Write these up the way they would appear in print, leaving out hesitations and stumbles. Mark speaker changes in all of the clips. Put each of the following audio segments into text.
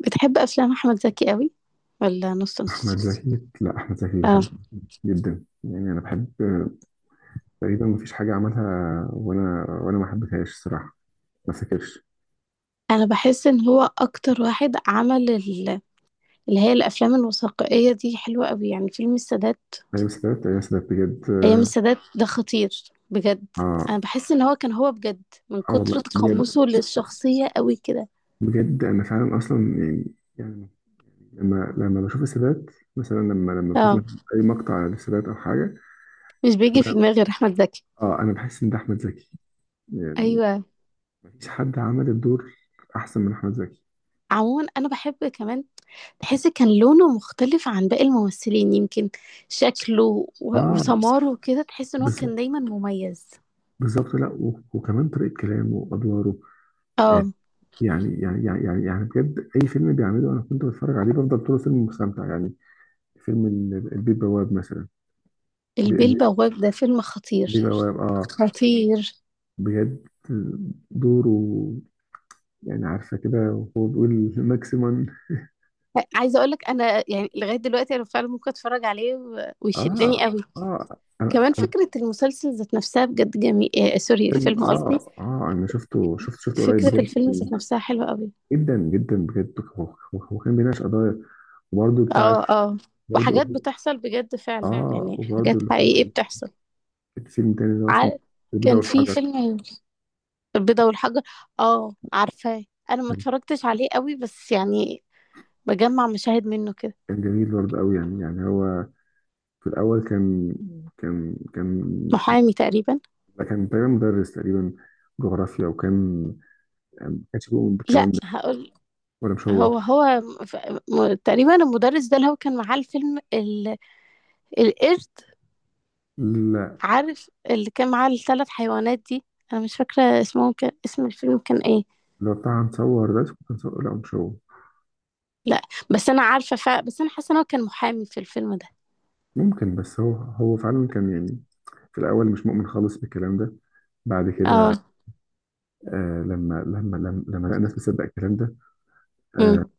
Speaker 1: بتحب افلام احمد زكي قوي، ولا نص
Speaker 2: احمد
Speaker 1: نص؟
Speaker 2: زكي، لا احمد زكي
Speaker 1: اه.
Speaker 2: بحبه جدا. يعني انا بحب تقريبا مفيش حاجه عملها وانا ما حبيتهاش الصراحه. ما افتكرش.
Speaker 1: انا بحس ان هو اكتر واحد عمل اللي هي الافلام الوثائقيه دي حلوه قوي، يعني فيلم السادات.
Speaker 2: ايام سادات، ايام سادات بجد.
Speaker 1: ايام السادات ده خطير بجد. انا
Speaker 2: اه،
Speaker 1: بحس ان هو كان هو بجد من
Speaker 2: اه والله
Speaker 1: كتر
Speaker 2: كنت بجد.
Speaker 1: تقمصه للشخصيه قوي كده.
Speaker 2: بجد انا فعلا اصلا يعني. يعني لما بشوف السادات، مثلا لما بشوف
Speaker 1: اه،
Speaker 2: مثلاً اي مقطع للسادات او حاجه.
Speaker 1: مش بيجي في دماغي غير احمد زكي.
Speaker 2: اه انا بحس ان ده احمد زكي، يعني
Speaker 1: ايوه.
Speaker 2: مفيش حد عمل الدور احسن من احمد زكي.
Speaker 1: عموما انا بحب كمان، تحس كان لونه مختلف عن باقي الممثلين يمكن، شكله
Speaker 2: اه
Speaker 1: وسماره كده، تحس ان هو كان
Speaker 2: بالظبط،
Speaker 1: دايما مميز.
Speaker 2: بالظبط، لا وكمان طريقه كلامه وادواره. آه،
Speaker 1: اه.
Speaker 2: يعني بجد اي فيلم بيعمله انا كنت بتفرج عليه بفضل طول الفيلم مستمتع يعني. فيلم البيه بواب مثلا. ب-
Speaker 1: البيه
Speaker 2: ال-
Speaker 1: البواق ده فيلم خطير،
Speaker 2: البيه بواب، اه
Speaker 1: خطير.
Speaker 2: بجد. دوره، يعني عارفه كده وهو بيقول ماكسيمم.
Speaker 1: عايزه اقول لك انا، يعني لغايه دلوقتي انا فعلا ممكن اتفرج عليه ويشدني
Speaker 2: اه
Speaker 1: قوي.
Speaker 2: اه
Speaker 1: كمان
Speaker 2: انا.
Speaker 1: فكره المسلسل ذات نفسها بجد جميل. سوري،
Speaker 2: فيلم،
Speaker 1: الفيلم
Speaker 2: اه
Speaker 1: قصدي.
Speaker 2: اه انا شفته، شفته قريب
Speaker 1: فكره
Speaker 2: بجد.
Speaker 1: الفيلم ذات نفسها حلوه قوي.
Speaker 2: جدا جدا بجد. هو كان بيناقش قضايا وبرده بتاعت،
Speaker 1: اه، اه.
Speaker 2: برضه.
Speaker 1: وحاجات بتحصل بجد فعلا،
Speaker 2: اه
Speaker 1: يعني
Speaker 2: وبرده
Speaker 1: حاجات
Speaker 2: اللي هو
Speaker 1: حقيقيه بتحصل.
Speaker 2: الفيلم التاني اللي هو اسمه
Speaker 1: ع-
Speaker 2: البيضة
Speaker 1: كان في
Speaker 2: والحجر.
Speaker 1: فيلم، البيضه والحجر. اه، عارفاه. انا ما
Speaker 2: كان،
Speaker 1: اتفرجتش عليه قوي، بس يعني بجمع مشاهد منه كده.
Speaker 2: كان جميل برضه قوي يعني. يعني هو في الأول كان، كان
Speaker 1: محامي تقريبا.
Speaker 2: ده كان تقريبا مدرس، تقريبا جغرافيا، وكان ما كانش بيؤمن
Speaker 1: لا،
Speaker 2: بالكلام ده.
Speaker 1: هقول.
Speaker 2: ولا مش هو؟
Speaker 1: هو هو. ف- تقريبا المدرس ده اللي هو كان معاه الفيلم القرد.
Speaker 2: لا،
Speaker 1: عارف اللي كان معاه الثلاث حيوانات دي. انا مش فاكره اسمه، كان اسم الفيلم كان ايه.
Speaker 2: لو بتاع هنصور ده كان صور، لا مش هو.
Speaker 1: لا، بس انا عارفه. بس انا حاسه ان هو كان محامي في الفيلم ده.
Speaker 2: ممكن، بس هو فعلا كان يعني في الأول مش مؤمن خالص بالكلام ده. بعد كده
Speaker 1: اه.
Speaker 2: آه لما لقى الناس بتصدق الكلام ده، آه
Speaker 1: مم.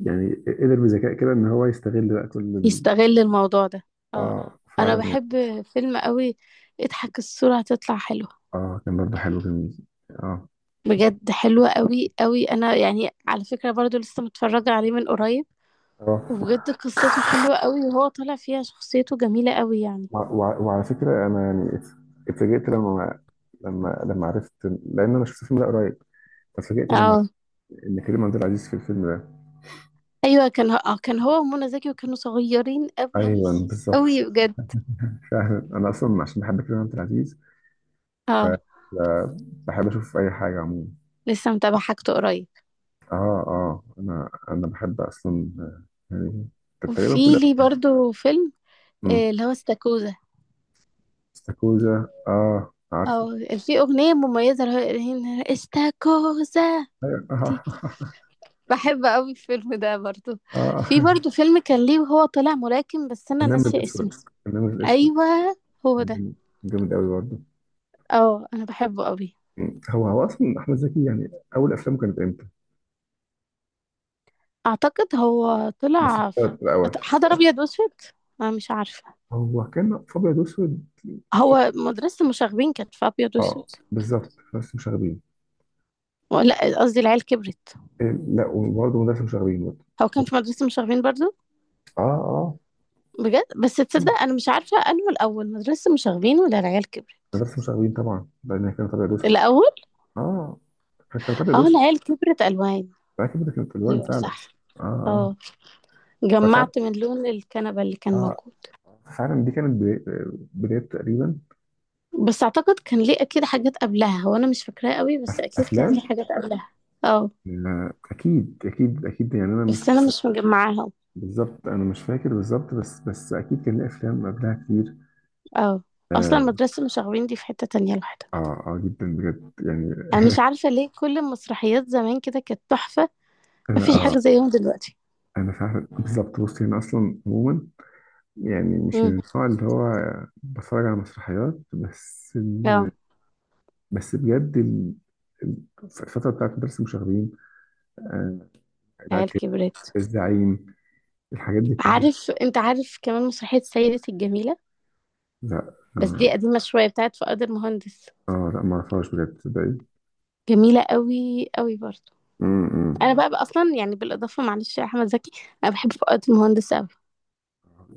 Speaker 2: يعني قدر بذكاء كده ان هو يستغل بقى كل ال...
Speaker 1: يستغل الموضوع ده. اه.
Speaker 2: اه
Speaker 1: انا
Speaker 2: فعلا.
Speaker 1: بحب فيلم قوي. اضحك، الصوره هتطلع حلوه.
Speaker 2: اه كان برضه حلو جميل. اه فكرة.
Speaker 1: بجد حلوه قوي قوي. انا يعني على فكره برضو لسه متفرجه عليه من قريب. وبجد
Speaker 2: اه
Speaker 1: قصته حلوة قوي، وهو طالع فيها شخصيته جميلة قوي يعني.
Speaker 2: وعلى فكرة أنا يعني اتفاجئت لما، لما عرفت، لأن أنا شفت الفيلم ده قريب. فاتفاجئت لما
Speaker 1: اه.
Speaker 2: عرفت إن كريم عبد العزيز في الفيلم ده.
Speaker 1: ايوه، كان هو ومنى زكي، وكانوا صغيرين قوي
Speaker 2: أيوه بالظبط.
Speaker 1: قوي بجد.
Speaker 2: فعلا أنا أصلا عشان بحب كريم عبد العزيز، ف ف-
Speaker 1: اه.
Speaker 2: بحب أشوف أي حاجة عموما.
Speaker 1: لسه متابعة حاجته قريب.
Speaker 2: أه، أه أنا بحب أصلا يعني تقريبا كل.
Speaker 1: وفي لي برضو فيلم،
Speaker 2: أمم.
Speaker 1: اللي هو استاكوزا.
Speaker 2: استاكوزا، أه عارفه.
Speaker 1: اه. في اغنية مميزة اللي هي استاكوزا
Speaker 2: أيوة.
Speaker 1: دي.
Speaker 2: أه
Speaker 1: بحب قوي الفيلم ده برضو. في
Speaker 2: أه.
Speaker 1: برضو فيلم كان ليه وهو طالع ملاكم، بس انا
Speaker 2: النمر
Speaker 1: ناسية
Speaker 2: الأسود،
Speaker 1: اسمه.
Speaker 2: النمر الأسود.
Speaker 1: ايوه، هو ده.
Speaker 2: كان جامد أوي برضه.
Speaker 1: اه، انا بحبه قوي.
Speaker 2: هو اصلا احمد زكي يعني اول افلامه كانت امتى؟
Speaker 1: اعتقد هو
Speaker 2: بس في
Speaker 1: طلع في.
Speaker 2: الاول.
Speaker 1: حضر ابيض واسود. انا مش عارفة.
Speaker 2: هو كان في ابيض واسود، مش فاكر.
Speaker 1: هو مدرسة المشاغبين كانت في أبيض وأسود.
Speaker 2: اه بالظبط بس مشاغبين.
Speaker 1: لا، قصدي العيال كبرت.
Speaker 2: إيه، لا وبرضه مدرسه مشاغبين برضه.
Speaker 1: هو كان في مدرسة المشاغبين برضو.
Speaker 2: اه اه.
Speaker 1: بجد، بس تصدق
Speaker 2: مم.
Speaker 1: أنا مش عارفة أنه الأول مدرسة المشاغبين ولا العيال كبرت.
Speaker 2: مدرسه مشاغبين طبعا، لان هي كانت ابيض واسود.
Speaker 1: الأول.
Speaker 2: اه، كانت ابيض
Speaker 1: اه.
Speaker 2: واسود.
Speaker 1: العيال كبرت ألوان.
Speaker 2: فاكر كده كانت الوان
Speaker 1: أيوة
Speaker 2: فعلا.
Speaker 1: صح.
Speaker 2: اه اه.
Speaker 1: اه.
Speaker 2: ففعلا،
Speaker 1: جمعت من لون الكنبة اللي كان
Speaker 2: اه
Speaker 1: موجود.
Speaker 2: فعلا دي كانت بداية، بداية تقريبا.
Speaker 1: بس أعتقد كان ليه أكيد حاجات قبلها، هو أنا مش فاكراه قوي، بس أكيد كان
Speaker 2: افلام.
Speaker 1: ليه حاجات قبلها. اه.
Speaker 2: آه، اكيد اكيد اكيد يعني انا
Speaker 1: بس أنا
Speaker 2: مش.
Speaker 1: مش مجمعاهم.
Speaker 2: بالظبط انا مش فاكر بالظبط، بس بس اكيد كان ليه افلام قبلها كتير.
Speaker 1: اه. أصلا
Speaker 2: اه،
Speaker 1: مدرسة المشاغبين دي في حتة تانية لوحدها.
Speaker 2: اه، آه جدا بجد يعني.
Speaker 1: أنا مش عارفة ليه كل المسرحيات زمان كده كانت تحفة.
Speaker 2: انا
Speaker 1: مفيش
Speaker 2: اه
Speaker 1: حاجة زيهم دلوقتي.
Speaker 2: انا فعلا بالظبط. بصي انا اصلا عموما يعني مش
Speaker 1: امم.
Speaker 2: من النوع اللي هو بتفرج على مسرحيات، بس ال...،
Speaker 1: اه.
Speaker 2: بس بجد ال... الفترة بتاعت مدرسة المشاغبين، آه،
Speaker 1: العيال
Speaker 2: بتاعت
Speaker 1: كبرت.
Speaker 2: الزعيم، الحاجات دي كلها.
Speaker 1: انت عارف كمان مسرحية سيدة الجميلة،
Speaker 2: لا
Speaker 1: بس
Speaker 2: اه،
Speaker 1: دي قديمة شوية بتاعت فؤاد المهندس.
Speaker 2: آه لا ما اعرفش بجد تصدقي.
Speaker 1: جميلة قوي قوي برضو.
Speaker 2: م-
Speaker 1: انا
Speaker 2: م.
Speaker 1: بقى اصلا يعني بالاضافة، معلش يا احمد زكي، انا بحب فؤاد المهندس قوي.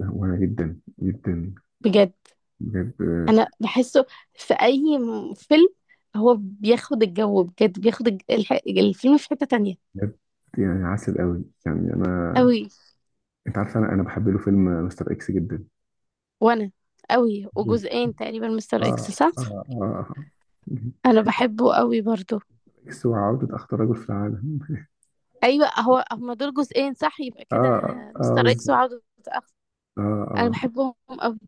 Speaker 2: وانا جدا جدا
Speaker 1: بجد.
Speaker 2: بجد،
Speaker 1: انا بحسه في اي فيلم هو بياخد الجو، بجد بياخد الفيلم في حتة تانية.
Speaker 2: بجد يعني عسل قوي يعني انا.
Speaker 1: قوي.
Speaker 2: انت عارف انا، انا بحب له فيلم مستر اكس جدا.
Speaker 1: وانا قوي،
Speaker 2: مستر،
Speaker 1: وجزئين تقريبا مستر
Speaker 2: اه
Speaker 1: اكس صح.
Speaker 2: اه، اه اه
Speaker 1: انا بحبه قوي برضو.
Speaker 2: اكس وعودة اخطر رجل في العالم.
Speaker 1: ايوه، هو هما دول جزئين صح، يبقى
Speaker 2: اه
Speaker 1: كده
Speaker 2: اه اه
Speaker 1: مستر اكس
Speaker 2: بالظبط.
Speaker 1: وعودة اخ.
Speaker 2: اه
Speaker 1: انا
Speaker 2: اه.
Speaker 1: بحبهم قوي.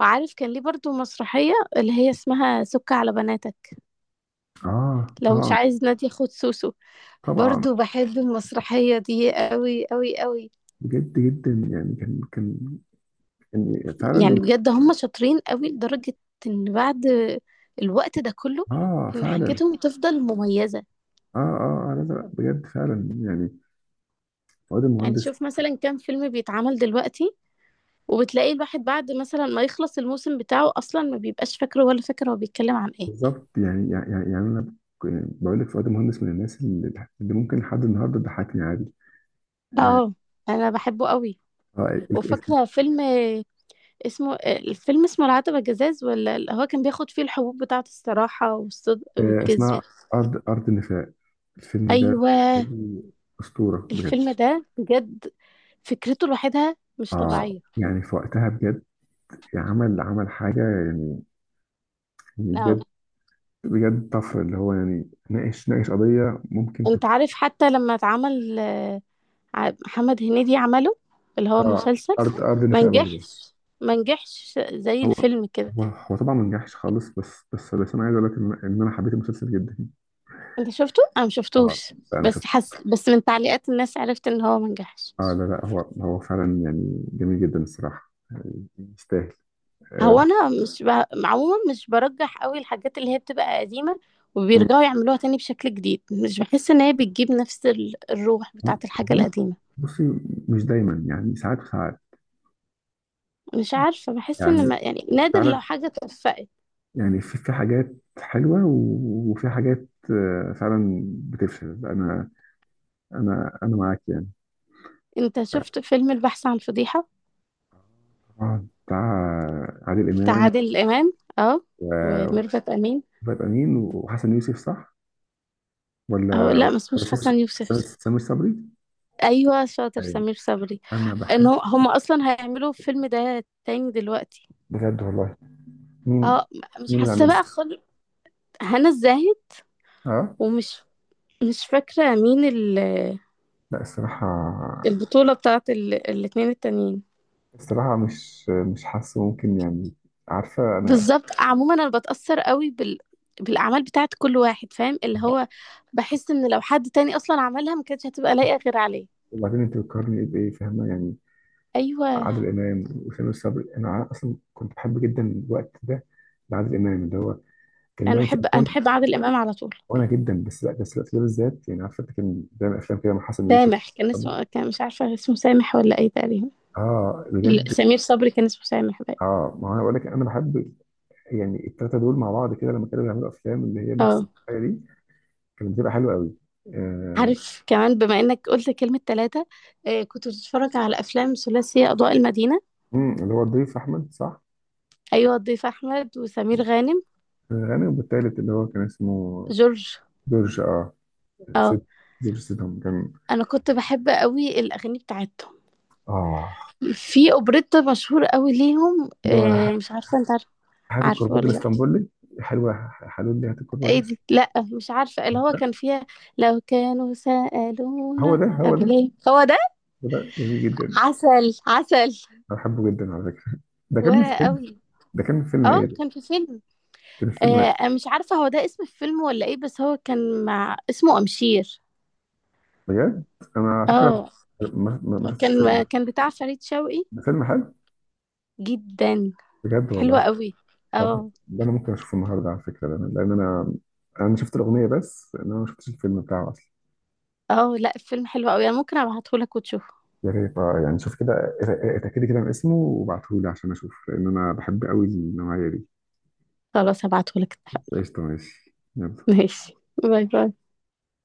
Speaker 1: وعارف كان ليه برضو مسرحية اللي هي اسمها سك على بناتك،
Speaker 2: اه
Speaker 1: لو مش
Speaker 2: طبعا.
Speaker 1: عايز نادية خد سوسو.
Speaker 2: طبعا
Speaker 1: برضو بحب المسرحية دي قوي قوي قوي.
Speaker 2: بجد جدا يعني، كان كان يعني
Speaker 1: يعني
Speaker 2: فعلا.
Speaker 1: بجد هما شاطرين قوي لدرجة ان بعد الوقت ده كله،
Speaker 2: اه
Speaker 1: ان
Speaker 2: فعلا.
Speaker 1: حاجتهم تفضل مميزة.
Speaker 2: اه اه آه، لا لا بجد فعلا يعني فؤاد
Speaker 1: يعني
Speaker 2: المهندس.
Speaker 1: شوف مثلا كام فيلم بيتعمل دلوقتي، وبتلاقي الواحد بعد مثلا ما يخلص الموسم بتاعه اصلا ما بيبقاش فاكره ولا فاكر هو بيتكلم عن ايه.
Speaker 2: بالظبط، يعني انا يعني بقول لك فؤاد المهندس من الناس اللي اللي ممكن لحد النهارده تضحكني عادي. آه.
Speaker 1: اه، انا بحبه قوي.
Speaker 2: آه،
Speaker 1: وفاكره فيلم، الفيلم اسمه العتبة جزاز، ولا اللي هو كان بياخد فيه الحبوب بتاعة الصراحة والصدق
Speaker 2: آه،
Speaker 1: والكذب.
Speaker 2: اسمها أرض، أرض النفاق. الفيلم ده
Speaker 1: ايوه.
Speaker 2: فيلم أسطورة بجد.
Speaker 1: الفيلم ده بجد فكرته لوحدها مش
Speaker 2: آه
Speaker 1: طبيعية.
Speaker 2: يعني في وقتها بجد عمل، عمل حاجة يعني. يعني
Speaker 1: اه.
Speaker 2: بجد، بجد طفرة، اللي هو يعني ناقش، ناقش قضية ممكن
Speaker 1: انت
Speaker 2: تكون.
Speaker 1: عارف حتى لما اتعمل، محمد هنيدي عمله اللي هو
Speaker 2: آه
Speaker 1: مسلسل.
Speaker 2: أرض، أرض
Speaker 1: ما
Speaker 2: النفاق برضه.
Speaker 1: نجحش. ما نجحش زي
Speaker 2: هو
Speaker 1: الفيلم كده.
Speaker 2: هو هو طبعا ما نجحش خالص، بس بس بس أنا عايز أقول لك إن، إن أنا حبيت المسلسل جدا.
Speaker 1: انت شفته؟ انا ما
Speaker 2: آه
Speaker 1: شفتوش،
Speaker 2: لا أنا شفت.
Speaker 1: بس حس بس من تعليقات الناس عرفت ان هو ما نجحش.
Speaker 2: آه لا لا، هو فعلا يعني جميل جدا الصراحة. آه، يستاهل.
Speaker 1: هو
Speaker 2: آه،
Speaker 1: انا مش. عموما مش برجح قوي الحاجات اللي هي بتبقى قديمه، وبيرجعوا يعملوها تاني بشكل جديد. مش بحس ان هي بتجيب نفس الروح بتاعت الحاجه القديمه.
Speaker 2: بصي مش دايما، يعني ساعات وساعات.
Speaker 1: مش عارفه، بحس ان
Speaker 2: يعني
Speaker 1: ما... يعني نادر
Speaker 2: فعلا،
Speaker 1: لو حاجه اتوفقت.
Speaker 2: يعني في في حاجات حلوة وفي حاجات آه، فعلا بتفشل. أنا، أنا معاك يعني.
Speaker 1: انت شفت فيلم البحث عن فضيحه،
Speaker 2: طبعا، بتاع عادل
Speaker 1: بتاع
Speaker 2: إمام
Speaker 1: عادل امام. اه،
Speaker 2: و-
Speaker 1: وميرفت امين.
Speaker 2: وفؤاد أمين وحسن يوسف صح؟
Speaker 1: اه،
Speaker 2: ولا،
Speaker 1: لا ما
Speaker 2: ولا
Speaker 1: اسموش
Speaker 2: سامي،
Speaker 1: حسن يوسف.
Speaker 2: بس سامي صبري.
Speaker 1: ايوه شاطر،
Speaker 2: أيوه،
Speaker 1: سمير صبري.
Speaker 2: أنا
Speaker 1: ان
Speaker 2: بحب.
Speaker 1: هو هم اصلا هيعملوا الفيلم ده تاني دلوقتي.
Speaker 2: بجد والله. مين؟
Speaker 1: اه. مش
Speaker 2: مين اللي
Speaker 1: حاسه
Speaker 2: عملها؟
Speaker 1: بقى خالص. هنا الزاهد.
Speaker 2: أه.
Speaker 1: ومش مش فاكرة مين
Speaker 2: لا الصراحة،
Speaker 1: البطولة بتاعت الاتنين التانيين.
Speaker 2: الصراحة مش مش حاسه ممكن يعني. عارفة أنا.
Speaker 1: بالظبط. عموما انا بتأثر قوي بالاعمال بتاعت كل واحد، فاهم اللي هو بحس ان لو حد تاني اصلا عملها ما كانتش هتبقى لايقة غير عليه.
Speaker 2: وبعدين أنت بتقارني بإيه فاهمة يعني؟
Speaker 1: ايوه.
Speaker 2: عادل امام وسامي الصبري. انا اصلا كنت بحب جدا الوقت ده لعادل امام، اللي هو كان
Speaker 1: انا
Speaker 2: بيعمل في
Speaker 1: بحب انا
Speaker 2: افلام.
Speaker 1: بحب عادل امام على طول.
Speaker 2: وانا جدا، بس لا، بس الوقت ده بالذات يعني عارف انت كان بيعمل افلام كده مع حسن يوسف.
Speaker 1: سامح كان
Speaker 2: طب-
Speaker 1: اسمه، كان مش عارفة اسمه سامح ولا ايه تقريبا.
Speaker 2: اه بجد.
Speaker 1: سمير صبري كان اسمه سامح بقى.
Speaker 2: اه ما هو انا بقول لك انا بحب يعني الثلاثه دول مع بعض، كده لما كانوا بيعملوا افلام اللي هي نفس
Speaker 1: اه.
Speaker 2: الحاجه دي كانت بتبقى حلوه قوي. آه.
Speaker 1: عارف كمان بما انك قلت كلمة ثلاثة، كنت بتتفرج على افلام ثلاثية اضواء المدينة.
Speaker 2: مم، اللي هو الضيف احمد صح.
Speaker 1: ايوه، ضيف احمد وسمير غانم.
Speaker 2: غني. والتالت اللي هو كان اسمه
Speaker 1: جورج.
Speaker 2: جورج. اه،
Speaker 1: اه.
Speaker 2: سيد، جورج سيدهم كان.
Speaker 1: انا كنت بحب قوي الاغاني بتاعتهم.
Speaker 2: اه.
Speaker 1: في اوبريتا مشهور قوي ليهم،
Speaker 2: اللي هو
Speaker 1: مش عارفه انت عارفه؟
Speaker 2: هات
Speaker 1: عارفه
Speaker 2: الكرباج
Speaker 1: ولا لا.
Speaker 2: الاسطنبولي، حلوة. حلول لي هات الكرباج
Speaker 1: ايه دي؟
Speaker 2: الاسطنبولي.
Speaker 1: لا، مش عارفه اللي هو كان فيها لو كانوا
Speaker 2: هو
Speaker 1: سالونا
Speaker 2: ده، هو
Speaker 1: طب
Speaker 2: ده،
Speaker 1: ليه هو ده.
Speaker 2: هو ده جميل جدا.
Speaker 1: عسل عسل.
Speaker 2: أنا بحبه جدا على فكرة. ده كان من
Speaker 1: وانا
Speaker 2: فيلم،
Speaker 1: قوي.
Speaker 2: ده كان من فيلم
Speaker 1: اه،
Speaker 2: إيه ده؟
Speaker 1: كان في فيلم،
Speaker 2: كان في فيلم.
Speaker 1: آه أنا مش عارفه هو ده اسم الفيلم ولا ايه، بس هو كان مع اسمه امشير.
Speaker 2: بجد؟ أنا على فكرة
Speaker 1: اه.
Speaker 2: ما شفتش الفيلم
Speaker 1: كان
Speaker 2: ده.
Speaker 1: كان بتاع فريد شوقي.
Speaker 2: ده فيلم حلو.
Speaker 1: جدا
Speaker 2: بجد
Speaker 1: حلوه
Speaker 2: والله.
Speaker 1: قوي.
Speaker 2: طب
Speaker 1: اه،
Speaker 2: ده أنا ممكن أشوفه النهاردة على فكرة، لأن أنا، أنا شفت الأغنية بس إن أنا ما شفتش الفيلم بتاعه أصلا.
Speaker 1: اه. لا، الفيلم حلو قوي، انا ممكن ابعته لك وتشوفه.
Speaker 2: يا ريت آه، يعني شوف كده، اتأكدي كده من اسمه وابعتهولي عشان أشوف، لأن أنا بحب قوي النوعية دي.
Speaker 1: خلاص هبعته لك.
Speaker 2: قشطة ماشي، يلا.
Speaker 1: ماشي. باي باي.